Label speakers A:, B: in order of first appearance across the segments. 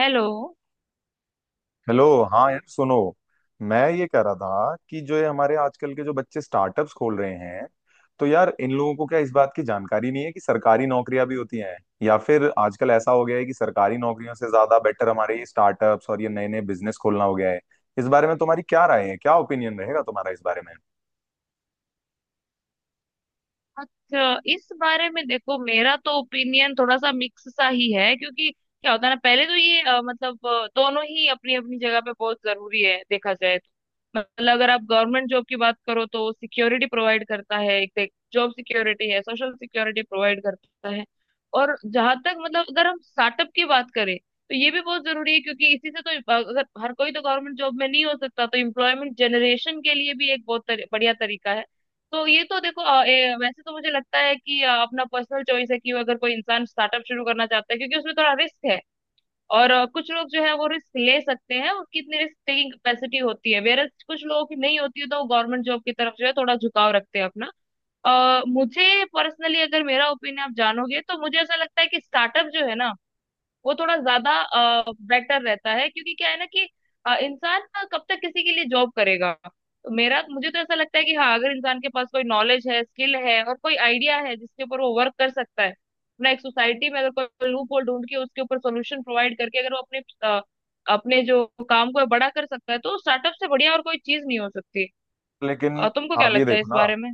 A: Hello.
B: Hello. हाँ यार सुनो, मैं ये कह रहा था कि जो ये हमारे आजकल के जो बच्चे स्टार्टअप्स खोल रहे हैं, तो यार इन लोगों को क्या इस बात की जानकारी नहीं है कि सरकारी नौकरियां भी होती हैं? या फिर आजकल ऐसा हो गया है कि सरकारी नौकरियों से ज्यादा बेटर हमारे ये स्टार्टअप्स और ये नए नए बिजनेस खोलना हो गया है? इस बारे में तुम्हारी क्या राय है, क्या ओपिनियन रहेगा तुम्हारा इस बारे में?
A: अच्छा, इस बारे में देखो, मेरा तो ओपिनियन थोड़ा सा मिक्स सा ही है, क्योंकि क्या होता है ना, पहले तो ये दोनों ही अपनी अपनी जगह पे बहुत जरूरी है, देखा जाए। मतलब अगर आप गवर्नमेंट जॉब की बात करो तो सिक्योरिटी प्रोवाइड करता है, एक जॉब सिक्योरिटी है, सोशल सिक्योरिटी प्रोवाइड करता है। और जहां तक मतलब अगर हम स्टार्टअप की बात करें तो ये भी बहुत जरूरी है, क्योंकि इसी से तो अगर हर कोई तो गवर्नमेंट जॉब में नहीं हो सकता, तो एम्प्लॉयमेंट जनरेशन के लिए भी एक बहुत बढ़िया तरीका है। तो ये तो देखो वैसे तो मुझे लगता है कि अपना पर्सनल चॉइस है कि अगर कोई इंसान स्टार्टअप शुरू करना चाहता है, क्योंकि उसमें थोड़ा रिस्क है। और कुछ लोग जो है वो रिस्क ले सकते हैं, उनकी इतनी रिस्क टेकिंग कैपेसिटी होती है, वेयर कुछ लोगों की नहीं होती है, तो वो गवर्नमेंट जॉब की तरफ जो है थोड़ा झुकाव रखते हैं अपना। मुझे पर्सनली अगर मेरा ओपिनियन आप जानोगे तो मुझे ऐसा लगता है कि स्टार्टअप जो है ना वो थोड़ा ज्यादा बेटर रहता है, क्योंकि क्या है ना कि इंसान ना कब तक किसी के लिए जॉब करेगा। तो मेरा मुझे तो ऐसा लगता है कि हाँ अगर इंसान के पास कोई नॉलेज है, स्किल है और कोई आइडिया है जिसके ऊपर वो वर्क कर सकता है अपना, एक सोसाइटी में अगर कोई लूप होल ढूंढ के उसके ऊपर सोल्यूशन प्रोवाइड करके अगर वो अपने जो काम को है बड़ा कर सकता है, तो स्टार्टअप से बढ़िया और कोई चीज नहीं हो सकती।
B: लेकिन
A: तुमको क्या
B: आप ये
A: लगता है
B: देखो
A: इस
B: ना,
A: बारे में?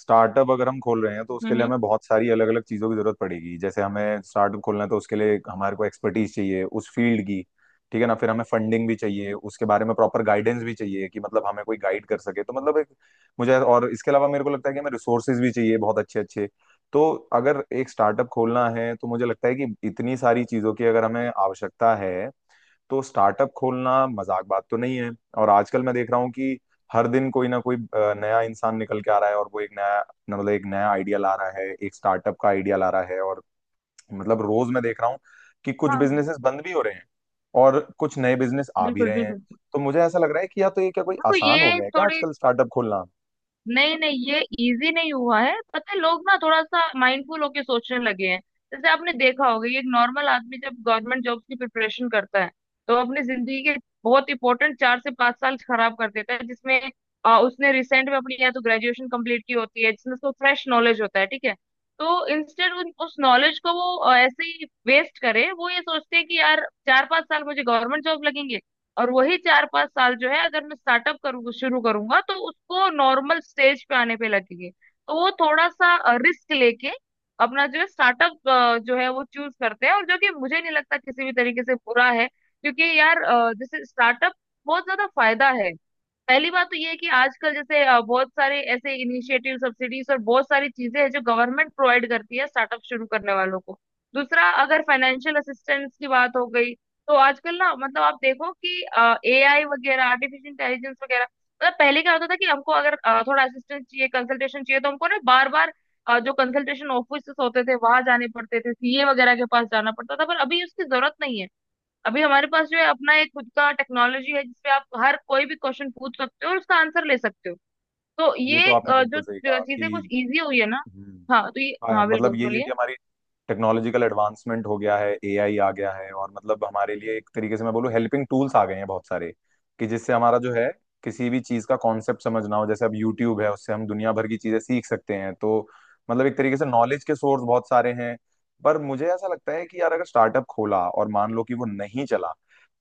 B: स्टार्टअप अगर हम खोल रहे हैं तो उसके
A: हम्म,
B: लिए
A: हम्म।
B: हमें बहुत सारी अलग अलग चीजों की जरूरत पड़ेगी। जैसे हमें स्टार्टअप खोलना है तो उसके लिए हमारे को एक्सपर्टीज चाहिए उस फील्ड की। ठीक है ना, फिर हमें फंडिंग भी चाहिए, उसके बारे में प्रॉपर गाइडेंस भी चाहिए कि मतलब हमें कोई गाइड कर सके, तो मतलब एक मुझे, और इसके अलावा मेरे को लगता है कि हमें रिसोर्सेज भी चाहिए बहुत अच्छे अच्छे। तो अगर एक स्टार्टअप खोलना है तो मुझे लगता है कि इतनी सारी चीजों की अगर हमें आवश्यकता है, तो स्टार्टअप खोलना मजाक बात तो नहीं है। और आजकल मैं देख रहा हूँ कि हर दिन कोई ना कोई नया इंसान निकल के आ रहा है और वो एक नया मतलब एक नया आइडिया ला रहा है, एक स्टार्टअप का आइडिया ला रहा है। और मतलब रोज मैं देख रहा हूँ कि कुछ
A: हाँ,
B: बिजनेसेस बंद भी हो रहे हैं और कुछ नए बिजनेस आ भी
A: बिल्कुल,
B: रहे हैं।
A: बिल्कुल।
B: तो मुझे ऐसा लग रहा है कि या तो ये क्या कोई
A: देखो
B: आसान हो
A: ये
B: गया है क्या
A: थोड़ी
B: आजकल स्टार्टअप खोलना?
A: नहीं नहीं, ये इजी नहीं हुआ है, पता है, लोग ना थोड़ा सा माइंडफुल होके सोचने लगे हैं। जैसे आपने देखा होगा ये एक नॉर्मल आदमी जब गवर्नमेंट जॉब की प्रिपरेशन करता है तो अपनी जिंदगी के बहुत इंपॉर्टेंट 4 से 5 साल खराब कर देता है, जिसमें उसने रिसेंट में अपनी या तो ग्रेजुएशन कंप्लीट की होती है जिसमें उसको फ्रेश नॉलेज होता है, ठीक है। तो इंस्टेड उस नॉलेज को वो ऐसे ही वेस्ट करे, वो ये सोचते हैं कि यार 4, 5 साल मुझे गवर्नमेंट जॉब लगेंगे, और वही 4, 5 साल जो है अगर मैं स्टार्टअप करूँ शुरू करूंगा तो उसको नॉर्मल स्टेज पे आने पे लगेंगे, तो वो थोड़ा सा रिस्क लेके अपना जो है स्टार्टअप जो है वो चूज करते हैं, और जो कि मुझे नहीं लगता किसी भी तरीके से बुरा है, क्योंकि यार जैसे स्टार्टअप बहुत ज्यादा फायदा है। पहली बात तो ये है कि आजकल जैसे बहुत सारे ऐसे इनिशिएटिव, सब्सिडीज और बहुत सारी चीजें हैं जो गवर्नमेंट प्रोवाइड करती है स्टार्टअप शुरू करने वालों को। दूसरा, अगर फाइनेंशियल असिस्टेंस की बात हो गई तो आजकल ना, मतलब आप देखो कि एआई वगैरह, आर्टिफिशियल इंटेलिजेंस वगैरह, मतलब पहले क्या होता था कि हमको अगर थोड़ा असिस्टेंस चाहिए, कंसल्टेशन चाहिए तो हमको ना बार बार जो कंसल्टेशन ऑफिस होते थे वहां जाने पड़ते थे, सीए वगैरह के पास जाना पड़ता था, पर अभी उसकी जरूरत नहीं है। अभी हमारे पास जो है अपना एक खुद का टेक्नोलॉजी है जिसपे आप हर कोई भी क्वेश्चन पूछ सकते हो और उसका आंसर ले सकते हो। तो
B: ये तो
A: ये
B: आपने
A: जो
B: बिल्कुल सही
A: जो
B: कहा कि,
A: चीजें कुछ इजी हुई है ना।
B: हम्म,
A: हाँ तो ये,
B: हाँ,
A: हाँ
B: मतलब
A: बिल्कुल,
B: यही है कि
A: बोलिए।
B: हमारी टेक्नोलॉजिकल एडवांसमेंट हो गया है, एआई आ गया है, और मतलब हमारे लिए एक तरीके से मैं बोलूँ हेल्पिंग टूल्स आ गए हैं बहुत सारे, कि जिससे हमारा जो है किसी भी चीज का कॉन्सेप्ट समझना हो, जैसे अब यूट्यूब है उससे हम दुनिया भर की चीजें सीख सकते हैं। तो मतलब एक तरीके से नॉलेज के सोर्स बहुत सारे हैं। पर मुझे ऐसा लगता है कि यार अगर स्टार्टअप खोला और मान लो कि वो नहीं चला,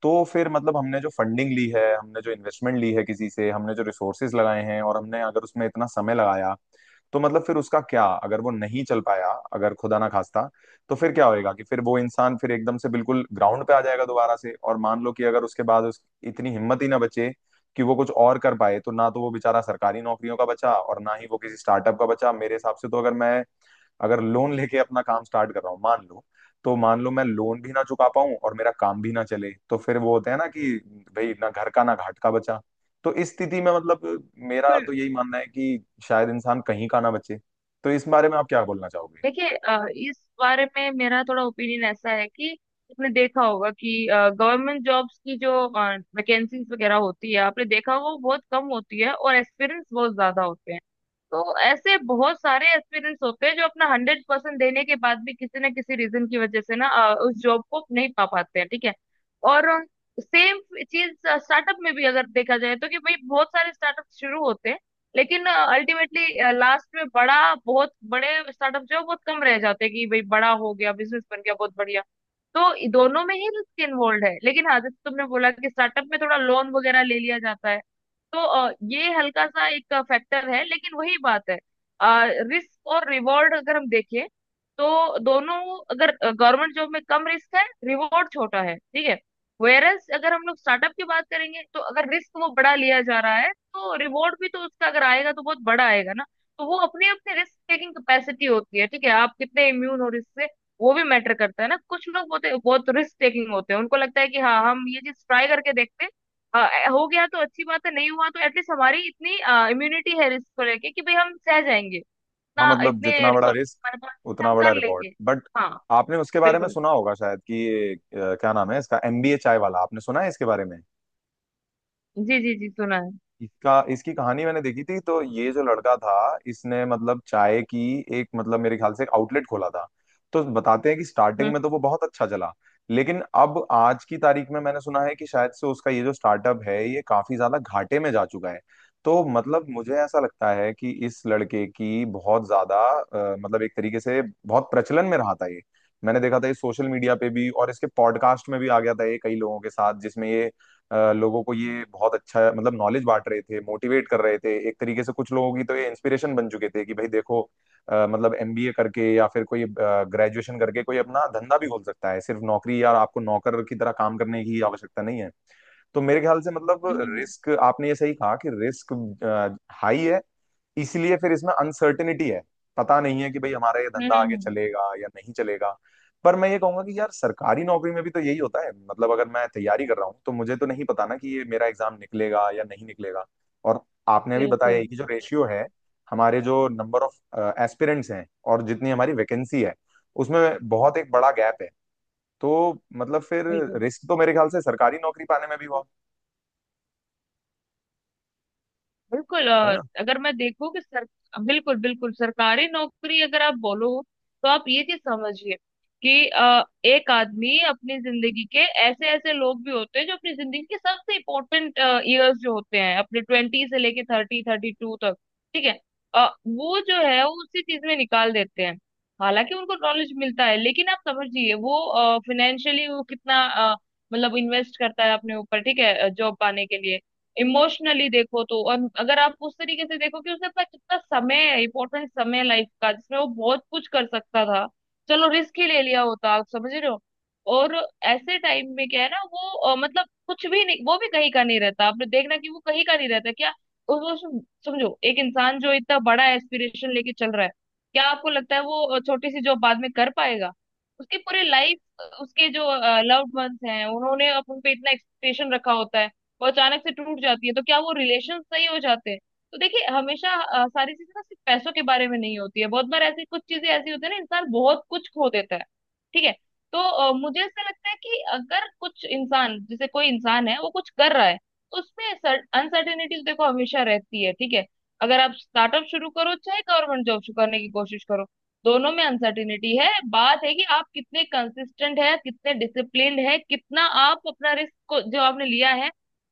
B: तो फिर मतलब हमने जो फंडिंग ली है, हमने जो इन्वेस्टमेंट ली है किसी से, हमने जो रिसोर्सेज लगाए हैं, और हमने अगर उसमें इतना समय लगाया, तो मतलब फिर उसका क्या अगर वो नहीं चल पाया, अगर खुदा ना खास्ता। तो फिर क्या होएगा कि फिर वो इंसान फिर एकदम से बिल्कुल ग्राउंड पे आ जाएगा दोबारा से। और मान लो कि अगर उसके बाद उस इतनी हिम्मत ही ना बचे कि वो कुछ और कर पाए, तो ना तो वो बेचारा सरकारी नौकरियों का बचा और ना ही वो किसी स्टार्टअप का बचा। मेरे हिसाब से तो अगर मैं अगर लोन लेके अपना काम स्टार्ट कर रहा हूँ मान लो, तो मान लो मैं लोन भी ना चुका पाऊं और मेरा काम भी ना चले, तो फिर वो होता है ना कि भाई ना घर का ना घाट का बचा। तो इस स्थिति में मतलब मेरा
A: बिल्कुल।
B: तो यही मानना है कि शायद इंसान कहीं का ना बचे। तो इस बारे में आप क्या बोलना चाहोगे?
A: देखिए इस बारे में मेरा थोड़ा ओपिनियन ऐसा है कि आपने देखा होगा कि गवर्नमेंट जॉब्स की जो वैकेंसीज वगैरह होती है, आपने देखा होगा वो बहुत कम होती है और एक्सपीरियंस बहुत ज्यादा होते हैं। तो ऐसे बहुत सारे एक्सपीरियंस होते हैं जो अपना 100% देने के बाद भी किसी ना किसी रीजन की वजह से ना उस जॉब को नहीं पा पाते हैं, ठीक है। और सेम चीज स्टार्टअप में भी अगर देखा जाए, तो कि भाई बहुत सारे स्टार्टअप शुरू होते हैं, लेकिन अल्टीमेटली लास्ट में बड़ा बहुत बड़े स्टार्टअप जो है बहुत कम रह जाते हैं, कि भाई बड़ा हो गया, बिजनेस बन गया, बहुत बढ़िया। तो दोनों में ही रिस्क इन्वॉल्व है, लेकिन हाँ जैसे तुमने बोला कि स्टार्टअप में थोड़ा लोन वगैरह ले लिया जाता है, तो ये हल्का सा एक फैक्टर है, लेकिन वही बात है। रिस्क और रिवॉर्ड अगर हम देखें तो दोनों, अगर गवर्नमेंट जॉब में कम रिस्क है, रिवॉर्ड छोटा है, ठीक है। वेयरस अगर हम लोग स्टार्टअप की बात करेंगे तो अगर रिस्क वो बड़ा लिया जा रहा है, तो रिवॉर्ड भी तो उसका अगर आएगा तो बहुत बड़ा आएगा ना। तो वो अपनी अपनी रिस्क टेकिंग कैपेसिटी होती है, ठीक है, आप कितने इम्यून हो रिस्क से वो भी मैटर करता है ना, कुछ लोग बहुत बहुत रिस्क टेकिंग होते हैं, उनको लगता है कि हाँ हम ये चीज ट्राई करके देखते हैं, अ, हो गया तो अच्छी बात है, नहीं हुआ तो एटलीस्ट हमारी इतनी इम्यूनिटी है रिस्क को लेके कि भाई हम सह जाएंगे,
B: हाँ
A: ना
B: मतलब
A: इतने
B: जितना बड़ा
A: रिसोर्स
B: रिस्क
A: हमारे पास है कि
B: उतना
A: हम
B: बड़ा
A: कर
B: रिवॉर्ड,
A: लेंगे।
B: बट
A: हाँ,
B: आपने उसके बारे में
A: बिल्कुल।
B: सुना होगा शायद कि क्या नाम है इसका, एमबीए चाय वाला, आपने सुना है इसके बारे में?
A: जी जी जी, सुना है।
B: इसका इसकी कहानी मैंने देखी थी। तो ये जो लड़का था इसने मतलब चाय की एक मतलब मेरे ख्याल से एक आउटलेट खोला था। तो बताते हैं कि स्टार्टिंग
A: हम्म,
B: में तो वो बहुत अच्छा चला, लेकिन अब आज की तारीख में मैंने सुना है कि शायद से उसका ये जो स्टार्टअप है ये काफी ज्यादा घाटे में जा चुका है। तो मतलब मुझे ऐसा लगता है कि इस लड़के की बहुत ज्यादा मतलब एक तरीके से बहुत प्रचलन में रहा था ये। मैंने देखा था ये सोशल मीडिया पे भी, और इसके पॉडकास्ट में भी आ गया था ये कई लोगों के साथ, जिसमें ये लोगों को ये बहुत अच्छा मतलब नॉलेज बांट रहे थे, मोटिवेट कर रहे थे एक तरीके से। कुछ लोगों की तो ये इंस्पिरेशन बन चुके थे कि भाई देखो, मतलब एमबीए करके या फिर कोई ग्रेजुएशन करके कोई अपना धंधा भी खोल सकता है, सिर्फ नौकरी या आपको नौकर की तरह काम करने की आवश्यकता नहीं है। तो मेरे ख्याल से मतलब
A: हम्म।
B: रिस्क, आपने ये सही कहा कि रिस्क हाई है, इसलिए फिर इसमें अनसर्टेनिटी है। पता नहीं है कि भाई हमारा ये
A: हम्म,
B: धंधा आगे चलेगा या नहीं चलेगा। पर मैं ये कहूंगा कि यार सरकारी नौकरी में भी तो यही होता है। मतलब अगर मैं तैयारी कर रहा हूँ तो मुझे तो नहीं पता ना कि ये मेरा एग्जाम निकलेगा या नहीं निकलेगा। और आपने अभी बताया
A: बिल्कुल।
B: ही कि जो रेशियो है, हमारे जो नंबर ऑफ एस्पिरेंट्स हैं और जितनी हमारी वैकेंसी है, उसमें बहुत एक बड़ा गैप है। तो मतलब फिर
A: बिल्कुल,
B: रिस्क तो मेरे ख्याल से सरकारी नौकरी पाने में भी हुआ,
A: बिल्कुल।
B: है
A: और
B: ना?
A: अगर मैं देखूं कि सर, बिल्कुल, बिल्कुल, सरकारी नौकरी अगर आप बोलो तो आप ये चीज समझिए कि एक आदमी अपनी जिंदगी के, ऐसे ऐसे लोग भी होते हैं जो अपनी जिंदगी के सबसे इम्पोर्टेंट ईयर्स जो होते हैं, अपने 20 से लेके 30, 32 तक, ठीक है। वो जो है वो उसी चीज में निकाल देते हैं, हालांकि उनको नॉलेज मिलता है, लेकिन आप समझिए वो फाइनेंशियली वो कितना अ, मतलब इन्वेस्ट करता है अपने ऊपर, ठीक है, जॉब पाने के लिए। इमोशनली देखो तो, और अगर आप उस तरीके से देखो कि उसने अपना कितना समय, इंपॉर्टेंट समय लाइफ का, जिसमें वो बहुत कुछ कर सकता था, चलो रिस्क ही ले लिया होता, आप समझ रहे हो। और ऐसे टाइम में क्या है ना वो मतलब कुछ भी नहीं, वो भी कहीं का नहीं रहता, आपने देखना कि वो कहीं का नहीं रहता क्या। उस वो समझो, एक इंसान जो इतना बड़ा एस्पिरेशन लेके चल रहा है, क्या आपको लगता है वो छोटी सी जॉब बाद में कर पाएगा? उसकी पूरी लाइफ, उसके जो लव्ड वंस हैं, उन्होंने अपन पे इतना एक्सपेक्टेशन रखा होता है, वो अचानक से टूट जाती है, तो क्या वो रिलेशन सही हो जाते हैं? तो देखिए हमेशा सारी चीजें ना सिर्फ पैसों के बारे में नहीं होती है, बहुत बार ऐसी कुछ चीजें ऐसी होती है ना, इंसान बहुत कुछ खो देता है, ठीक है। तो मुझे ऐसा लगता है कि अगर कुछ इंसान, जैसे कोई इंसान है वो कुछ कर रहा है, तो उसमें अनसर्टेनिटीज देखो हमेशा रहती है, ठीक है। अगर आप स्टार्टअप शुरू करो चाहे गवर्नमेंट जॉब शुरू करने की कोशिश करो, दोनों में अनसर्टेनिटी है, बात है कि आप कितने कंसिस्टेंट है, कितने डिसिप्लिन्ड है, कितना आप अपना रिस्क को जो आपने लिया है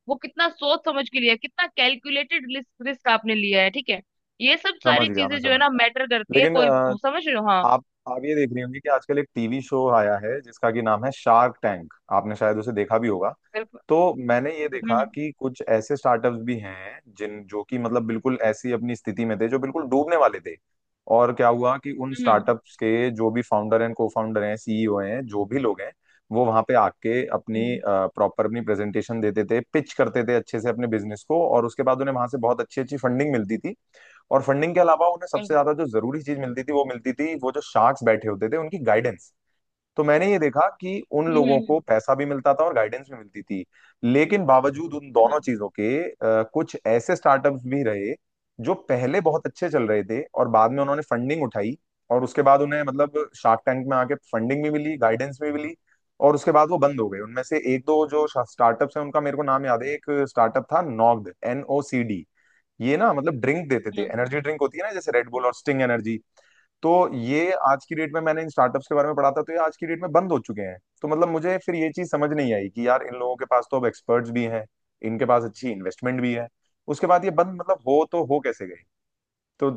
A: वो कितना सोच समझ के लिया है, कितना कैलकुलेटेड रिस्क रिस्क आपने लिया है, ठीक है। ये सब
B: समझ
A: सारी
B: गया, मैं
A: चीजें जो है
B: समझ
A: ना
B: गया।
A: मैटर करती है,
B: लेकिन
A: कोई। समझ रहे हो? हाँ,
B: आप ये देख रही होंगी कि आजकल एक टीवी शो आया है जिसका कि नाम है शार्क टैंक, आपने शायद उसे देखा भी होगा।
A: बिल्कुल।
B: तो मैंने ये देखा
A: हम्म,
B: कि कुछ ऐसे स्टार्टअप्स भी हैं जिन जो कि मतलब बिल्कुल ऐसी अपनी स्थिति में थे जो बिल्कुल डूबने वाले थे। और क्या हुआ कि उन
A: हम्म,
B: स्टार्टअप्स के जो भी फाउंडर एंड को फाउंडर हैं, सीईओ हैं, जो भी लोग हैं, वो वहां पे आके
A: हम्म,
B: अपनी प्रेजेंटेशन देते थे, पिच करते थे अच्छे से अपने बिजनेस को, और उसके बाद उन्हें वहां से बहुत अच्छी अच्छी फंडिंग मिलती थी। और फंडिंग के अलावा उन्हें सबसे
A: बिल्कुल।
B: ज्यादा जो जरूरी चीज मिलती थी वो जो शार्क्स बैठे होते थे उनकी गाइडेंस। तो मैंने ये देखा कि उन
A: हम्म,
B: लोगों
A: हम्म,
B: को पैसा भी मिलता था और गाइडेंस भी मिलती थी। लेकिन बावजूद उन
A: हम्म,
B: दोनों चीजों के कुछ ऐसे स्टार्टअप्स भी रहे जो पहले बहुत अच्छे चल रहे थे और बाद में उन्होंने फंडिंग उठाई, और उसके बाद उन्हें मतलब शार्क टैंक में आके फंडिंग भी मिली, गाइडेंस भी मिली, और उसके बाद वो बंद हो गए। उनमें से एक दो जो स्टार्टअप्स हैं उनका मेरे को नाम याद है, एक स्टार्टअप था नॉग्ड, NOCD। ये ना मतलब ड्रिंक देते थे,
A: हम्म।
B: एनर्जी ड्रिंक होती है ना जैसे रेड बुल और स्टिंग एनर्जी। तो ये आज की डेट में, मैंने इन स्टार्टअप्स के बारे में पढ़ा था, तो ये आज की डेट में बंद हो चुके हैं। तो मतलब मुझे फिर ये चीज समझ नहीं आई कि यार इन लोगों के पास तो अब एक्सपर्ट्स भी हैं, इनके पास अच्छी इन्वेस्टमेंट भी है, उसके बाद ये बंद मतलब हो कैसे गई? तो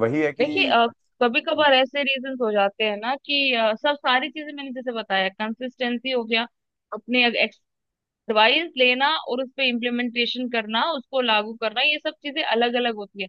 B: वही है
A: देखिए
B: कि
A: कभी कभार ऐसे रीजंस हो जाते हैं ना कि सब सारी चीजें मैंने जैसे बताया, कंसिस्टेंसी हो गया, अपने एडवाइस लेना और उस पे इम्प्लीमेंटेशन करना, उसको लागू करना, ये सब चीजें अलग अलग होती है।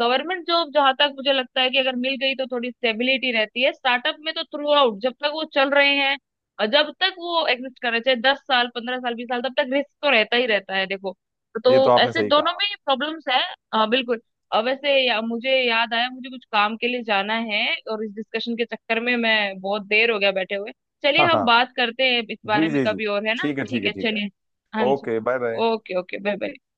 A: गवर्नमेंट जॉब जहां तक मुझे लगता है कि अगर मिल गई तो थोड़ी स्टेबिलिटी रहती है, स्टार्टअप में तो थ्रू आउट जब तक वो चल रहे हैं और जब तक वो एग्जिस्ट कर रहे हैं, चाहे 10 साल, 15 साल, 20 साल, तब तक रिस्क तो रहता ही रहता है, देखो। तो
B: ये तो आपने
A: ऐसे
B: सही
A: दोनों
B: कहा।
A: में प्रॉब्लम्स है। हाँ, बिल्कुल। मुझे याद आया, मुझे कुछ काम के लिए जाना है, और इस डिस्कशन के चक्कर में मैं बहुत देर हो गया बैठे हुए। चलिए
B: हाँ
A: हम
B: हाँ।
A: बात करते हैं इस
B: जी
A: बारे में
B: जी जी।
A: कभी और, है ना,
B: ठीक है ठीक
A: ठीक
B: है
A: है,
B: ठीक है।
A: चलिए। हाँ जी।
B: Okay bye bye.
A: Okay, okay, bye bye.